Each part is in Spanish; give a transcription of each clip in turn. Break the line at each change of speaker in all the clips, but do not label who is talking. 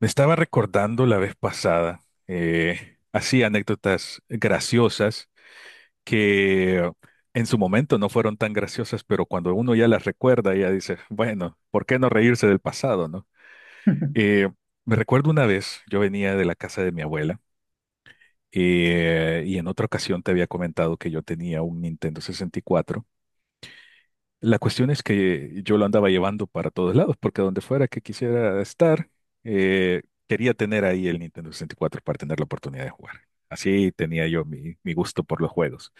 Me estaba recordando la vez pasada, así anécdotas graciosas que en su momento no fueron tan graciosas, pero cuando uno ya las recuerda, ya dice, bueno, ¿por qué no reírse del pasado, no? Eh, Me recuerdo una vez, yo venía de la casa de mi abuela, y en otra ocasión te había comentado que yo tenía un Nintendo 64. La cuestión es que yo lo andaba llevando para todos lados, porque donde fuera que quisiera estar, eh, quería tener ahí el Nintendo 64 para tener la oportunidad de jugar. Así tenía yo mi gusto por los juegos.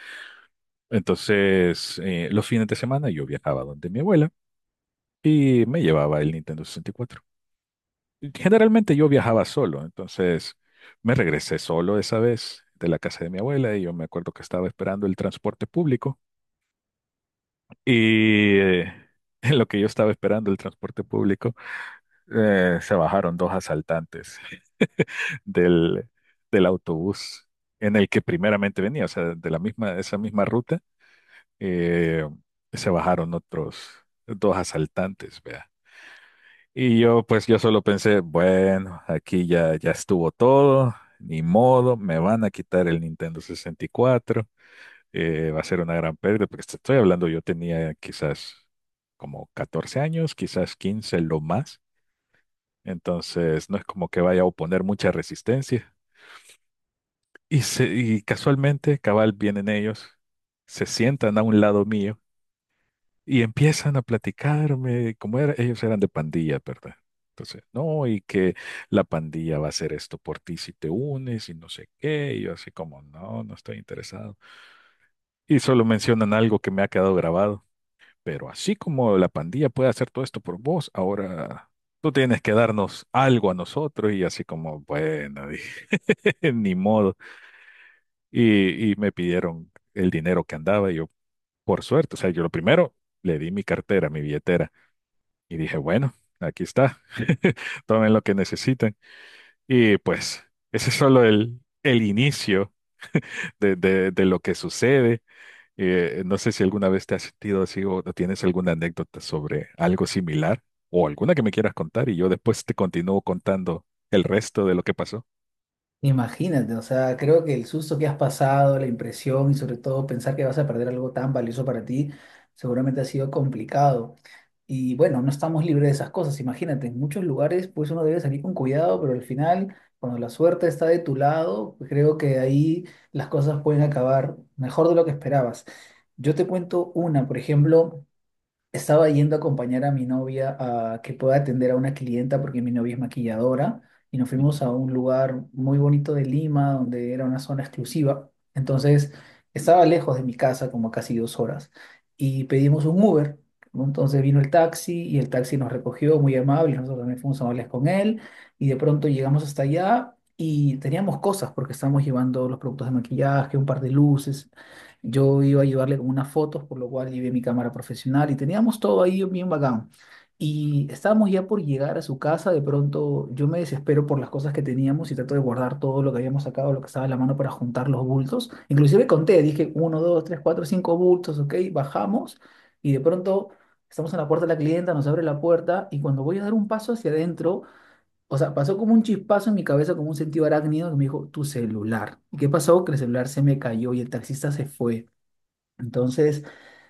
Entonces, los fines de semana yo viajaba donde mi abuela y me llevaba el Nintendo 64. Generalmente yo viajaba solo, entonces me regresé solo esa vez de la casa de mi abuela y yo me acuerdo que estaba esperando el transporte público y... eh, En lo que yo estaba esperando el transporte público, se bajaron dos asaltantes del, del autobús en el que primeramente venía, o sea, de la misma, esa misma ruta, eh, se bajaron otros dos asaltantes, vea. Y yo, pues, yo solo pensé, bueno, aquí ya estuvo todo, ni modo, me van a quitar el Nintendo 64, va a ser una gran pérdida, porque te estoy hablando, yo tenía quizás como 14 años, quizás 15 lo más. Entonces, no es como que vaya a oponer mucha resistencia. Y, y casualmente, cabal, vienen ellos, se sientan a un lado mío y empiezan a platicarme, como era, ellos eran de pandilla, ¿verdad? Entonces, no, y que la pandilla va a hacer esto por ti si te unes y no sé qué. Y yo así como, no, no estoy interesado. Y solo mencionan algo que me ha quedado grabado. Pero así como la pandilla puede hacer todo esto por vos, ahora tú tienes que darnos algo a nosotros y así como, bueno, ni modo. Y me pidieron el dinero que andaba y yo, por suerte, o sea, yo lo primero le di mi cartera, mi billetera y dije, bueno, aquí está, tomen lo que necesiten. Y pues ese es solo el inicio de lo que sucede. No sé si alguna vez te has sentido así o tienes alguna anécdota sobre algo similar o alguna que me quieras contar y yo después te continúo contando el resto de lo que pasó.
Imagínate, o sea, creo que el susto que has pasado, la impresión y sobre todo pensar que vas a perder algo tan valioso para ti, seguramente ha sido complicado. Y bueno, no estamos libres de esas cosas. Imagínate, en muchos lugares pues uno debe salir con cuidado, pero al final, cuando la suerte está de tu lado, pues, creo que ahí las cosas pueden acabar mejor de lo que esperabas. Yo te cuento una, por ejemplo, estaba yendo a acompañar a mi novia a que pueda atender a una clienta porque mi novia es maquilladora y nos
Ujú.
fuimos a un lugar muy bonito de Lima donde era una zona exclusiva. Entonces estaba lejos de mi casa como casi 2 horas y pedimos un Uber, ¿no? Entonces vino el taxi y el taxi nos recogió muy amable. Nosotros también fuimos amables con él y de pronto llegamos hasta allá y teníamos cosas porque estábamos llevando los productos de maquillaje, un par de luces. Yo iba a llevarle con unas fotos, por lo cual llevé mi cámara profesional y teníamos todo ahí bien bacán. Y estábamos ya por llegar a su casa, de pronto yo me desespero por las cosas que teníamos y trato de guardar todo lo que habíamos sacado, lo que estaba en la mano para juntar los bultos. Inclusive conté, dije uno, dos, tres, cuatro, cinco bultos, ok, bajamos y de pronto estamos en la puerta de la clienta, nos abre la puerta y cuando voy a dar un paso hacia adentro, o sea, pasó como un chispazo en mi cabeza, como un sentido arácnido que me dijo, tu celular. ¿Y qué pasó? Que el celular se me cayó y el taxista se fue. Entonces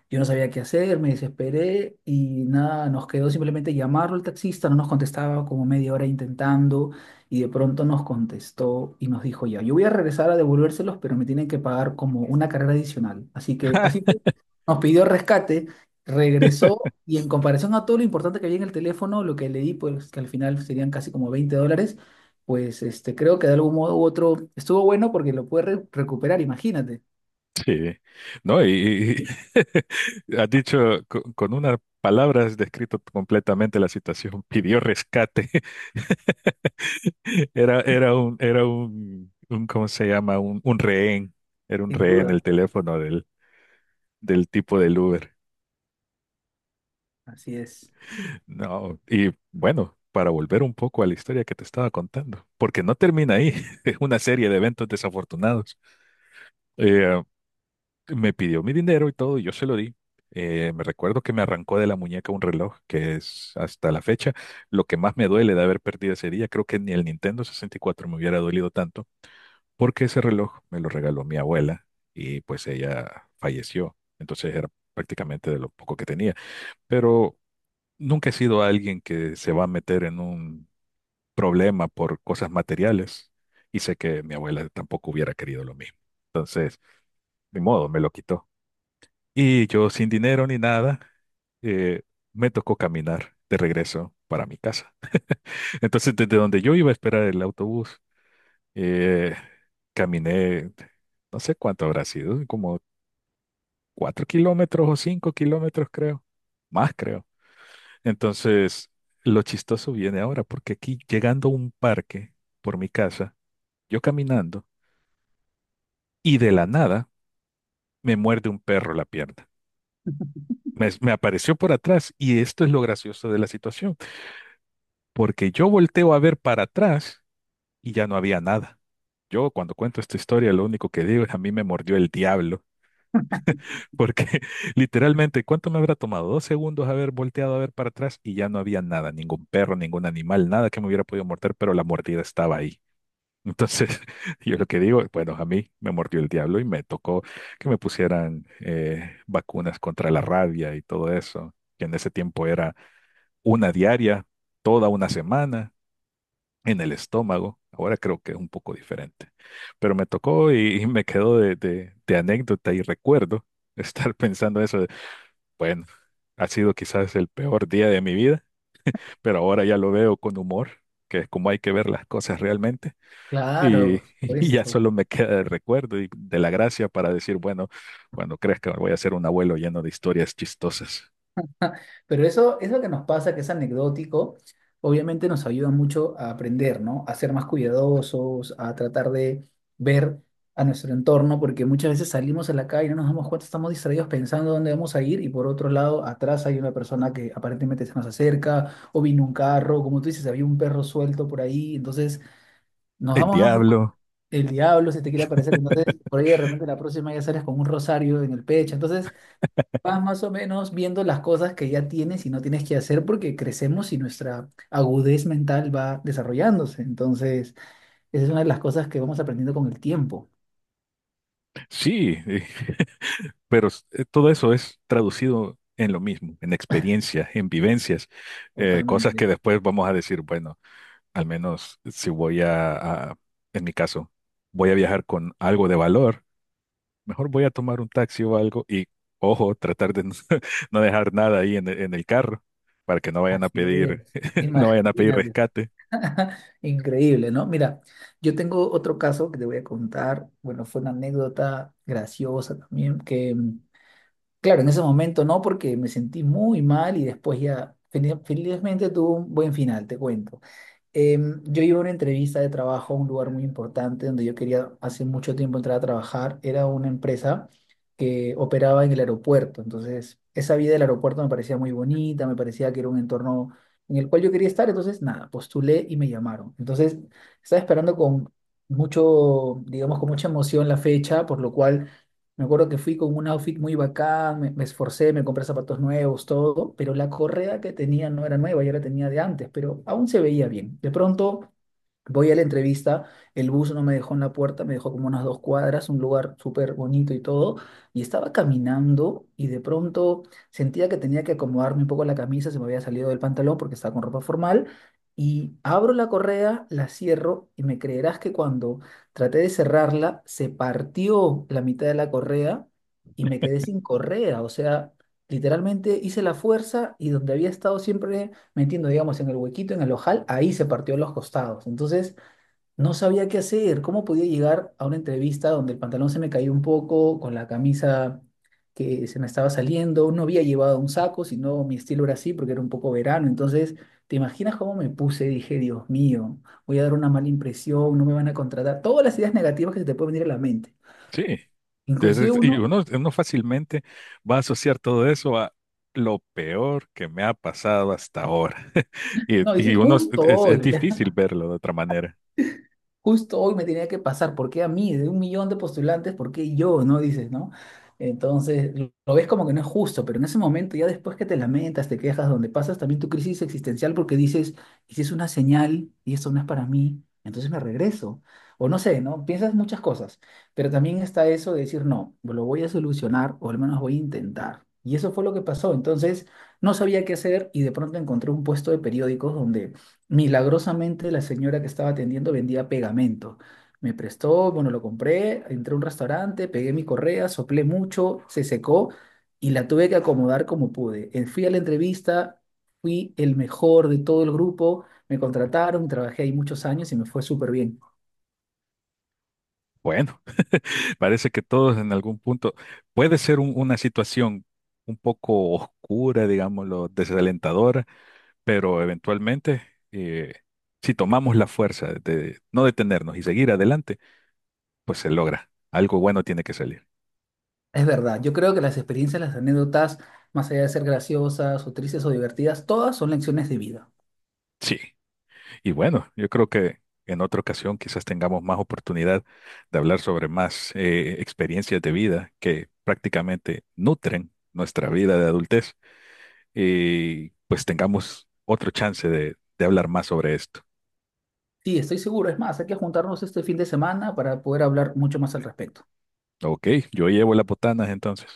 yo no sabía qué hacer, me desesperé y nada, nos quedó simplemente llamarlo al taxista, no nos contestaba como media hora intentando y de pronto nos contestó y nos dijo ya, yo voy a regresar a devolvérselos, pero me tienen que pagar como una carrera adicional. Así que así fue. Nos pidió rescate, regresó y en comparación a todo lo importante que había en el teléfono, lo que leí, pues que al final serían casi como $20, pues este, creo que de algún modo u otro estuvo bueno porque lo pude recuperar, imagínate,
Sí, no, y has dicho con, unas palabras has descrito completamente la situación. Pidió rescate. ¿Cómo se llama? Un rehén. Era un
sin
rehén el
duda.
teléfono del, del tipo del Uber.
Así es.
No, y bueno, para volver un poco a la historia que te estaba contando, porque no termina ahí. Es una serie de eventos desafortunados. Eh, Me pidió mi dinero y todo, y yo se lo di. Me recuerdo que me arrancó de la muñeca un reloj, que es hasta la fecha lo que más me duele de haber perdido ese día. Creo que ni el Nintendo 64 me hubiera dolido tanto, porque ese reloj me lo regaló mi abuela y pues ella falleció. Entonces era prácticamente de lo poco que tenía. Pero nunca he sido alguien que se va a meter en un problema por cosas materiales y sé que mi abuela tampoco hubiera querido lo mismo. Entonces, ni modo, me lo quitó. Y yo sin dinero ni nada, eh, me tocó caminar de regreso para mi casa. Entonces, desde donde yo iba a esperar el autobús, eh, caminé, no sé cuánto habrá sido, como 4 kilómetros o 5 kilómetros, creo, más creo. Entonces, lo chistoso viene ahora, porque aquí llegando a un parque por mi casa, yo caminando, y de la nada me muerde un perro la pierna. Me apareció por atrás y esto es lo gracioso de la situación, porque yo volteo a ver para atrás y ya no había nada. Yo cuando cuento esta historia, lo único que digo es a mí me mordió el diablo, porque literalmente, ¿cuánto me habrá tomado? Dos segundos haber volteado a ver para atrás y ya no había nada, ningún perro, ningún animal, nada que me hubiera podido morder, pero la mordida estaba ahí. Entonces, yo lo que digo, bueno, a mí me mordió el diablo y me tocó que me pusieran vacunas contra la rabia y todo eso, que en ese tiempo era una diaria, toda una semana en el estómago. Ahora creo que es un poco diferente, pero me tocó y me quedó de, de anécdota y recuerdo estar pensando eso de, bueno, ha sido quizás el peor día de mi vida, pero ahora ya lo veo con humor, que es como hay que ver las cosas realmente,
Claro,
y,
por
y ya
supuesto.
solo me queda el recuerdo y de la gracia para decir, bueno, cuando crezca voy a ser un abuelo lleno de historias chistosas.
Pero eso que nos pasa, que es anecdótico, obviamente nos ayuda mucho a aprender, ¿no? A ser más cuidadosos, a tratar de ver a nuestro entorno, porque muchas veces salimos a la calle y no nos damos cuenta, estamos distraídos pensando dónde vamos a ir y por otro lado, atrás hay una persona que aparentemente se nos acerca o vino un carro, como tú dices, había un perro suelto por ahí, entonces nos
El
vamos dando cuenta,
diablo,
el diablo se te quiere aparecer, entonces por ahí de repente la próxima ya sales con un rosario en el pecho, entonces... vas más o menos viendo las cosas que ya tienes y no tienes que hacer porque crecemos y nuestra agudez mental va desarrollándose. Entonces, esa es una de las cosas que vamos aprendiendo con el tiempo.
sí, pero todo eso es traducido en lo mismo, en experiencias, en vivencias, cosas que
Totalmente.
después vamos a decir, bueno, al menos si a- en mi caso, voy a viajar con algo de valor, mejor voy a tomar un taxi o algo y, ojo, tratar de no, no dejar nada ahí en, en el carro para que no vayan a
Así
pedir,
es.
no vayan a pedir
Imagínate.
rescate.
Increíble, ¿no? Mira, yo tengo otro caso que te voy a contar. Bueno, fue una anécdota graciosa también, que claro, en ese momento no, porque me sentí muy mal y después ya felizmente tuvo un buen final, te cuento. Yo iba a una entrevista de trabajo a un lugar muy importante donde yo quería hace mucho tiempo entrar a trabajar. Era una empresa que operaba en el aeropuerto. Entonces, esa vida del aeropuerto me parecía muy bonita, me parecía que era un entorno en el cual yo quería estar. Entonces, nada, postulé y me llamaron. Entonces, estaba esperando con mucho, digamos, con mucha emoción la fecha, por lo cual me acuerdo que fui con un outfit muy bacán, me esforcé, me compré zapatos nuevos, todo, pero la correa que tenía no era nueva, ya la tenía de antes, pero aún se veía bien. De pronto voy a la entrevista, el bus no me dejó en la puerta, me dejó como unas 2 cuadras, un lugar súper bonito y todo, y estaba caminando y de pronto sentía que tenía que acomodarme un poco la camisa, se me había salido del pantalón porque estaba con ropa formal, y abro la correa, la cierro y me creerás que cuando traté de cerrarla, se partió la mitad de la correa y me quedé sin correa, o sea, literalmente hice la fuerza y donde había estado siempre metiendo, digamos, en el huequito, en el ojal, ahí se partió los costados. Entonces, no sabía qué hacer, cómo podía llegar a una entrevista donde el pantalón se me cayó un poco, con la camisa que se me estaba saliendo, no había llevado un saco, sino mi estilo era así porque era un poco verano. Entonces, ¿te imaginas cómo me puse? Dije, Dios mío, voy a dar una mala impresión, no me van a contratar. Todas las ideas negativas que se te pueden venir a la mente.
Sí.
Inclusive
Entonces, y
uno,
uno fácilmente va a asociar todo eso a lo peor que me ha pasado hasta ahora. Y,
no,
y
dices,
uno
justo
es
hoy.
difícil verlo de otra manera.
Justo hoy me tenía que pasar, ¿por qué a mí? De un millón de postulantes, ¿por qué yo? ¿No? Dices, ¿no? Entonces, lo ves como que no es justo, pero en ese momento, ya después que te lamentas, te quejas, donde pasas también tu crisis existencial porque dices, y si es una señal y esto no es para mí, entonces me regreso. O no sé, ¿no? Piensas muchas cosas, pero también está eso de decir, no, lo voy a solucionar o al menos voy a intentar. Y eso fue lo que pasó. Entonces, no sabía qué hacer y de pronto encontré un puesto de periódicos donde milagrosamente la señora que estaba atendiendo vendía pegamento. Me prestó, bueno, lo compré, entré a un restaurante, pegué mi correa, soplé mucho, se secó y la tuve que acomodar como pude. Fui a la entrevista, fui el mejor de todo el grupo, me contrataron, trabajé ahí muchos años y me fue súper bien.
Bueno, parece que todos en algún punto puede ser una situación un poco oscura, digámoslo, desalentadora, pero eventualmente, eh, si tomamos la fuerza de no detenernos y seguir adelante, pues se logra. Algo bueno tiene que salir.
Es verdad, yo creo que las experiencias, las anécdotas, más allá de ser graciosas o tristes o divertidas, todas son lecciones de vida.
Sí. Y bueno, yo creo que en otra ocasión quizás tengamos más oportunidad de hablar sobre más experiencias de vida que prácticamente nutren nuestra vida de adultez y pues tengamos otro chance de hablar más sobre esto.
Sí, estoy seguro. Es más, hay que juntarnos este fin de semana para poder hablar mucho más al respecto.
Ok, yo llevo las botanas entonces.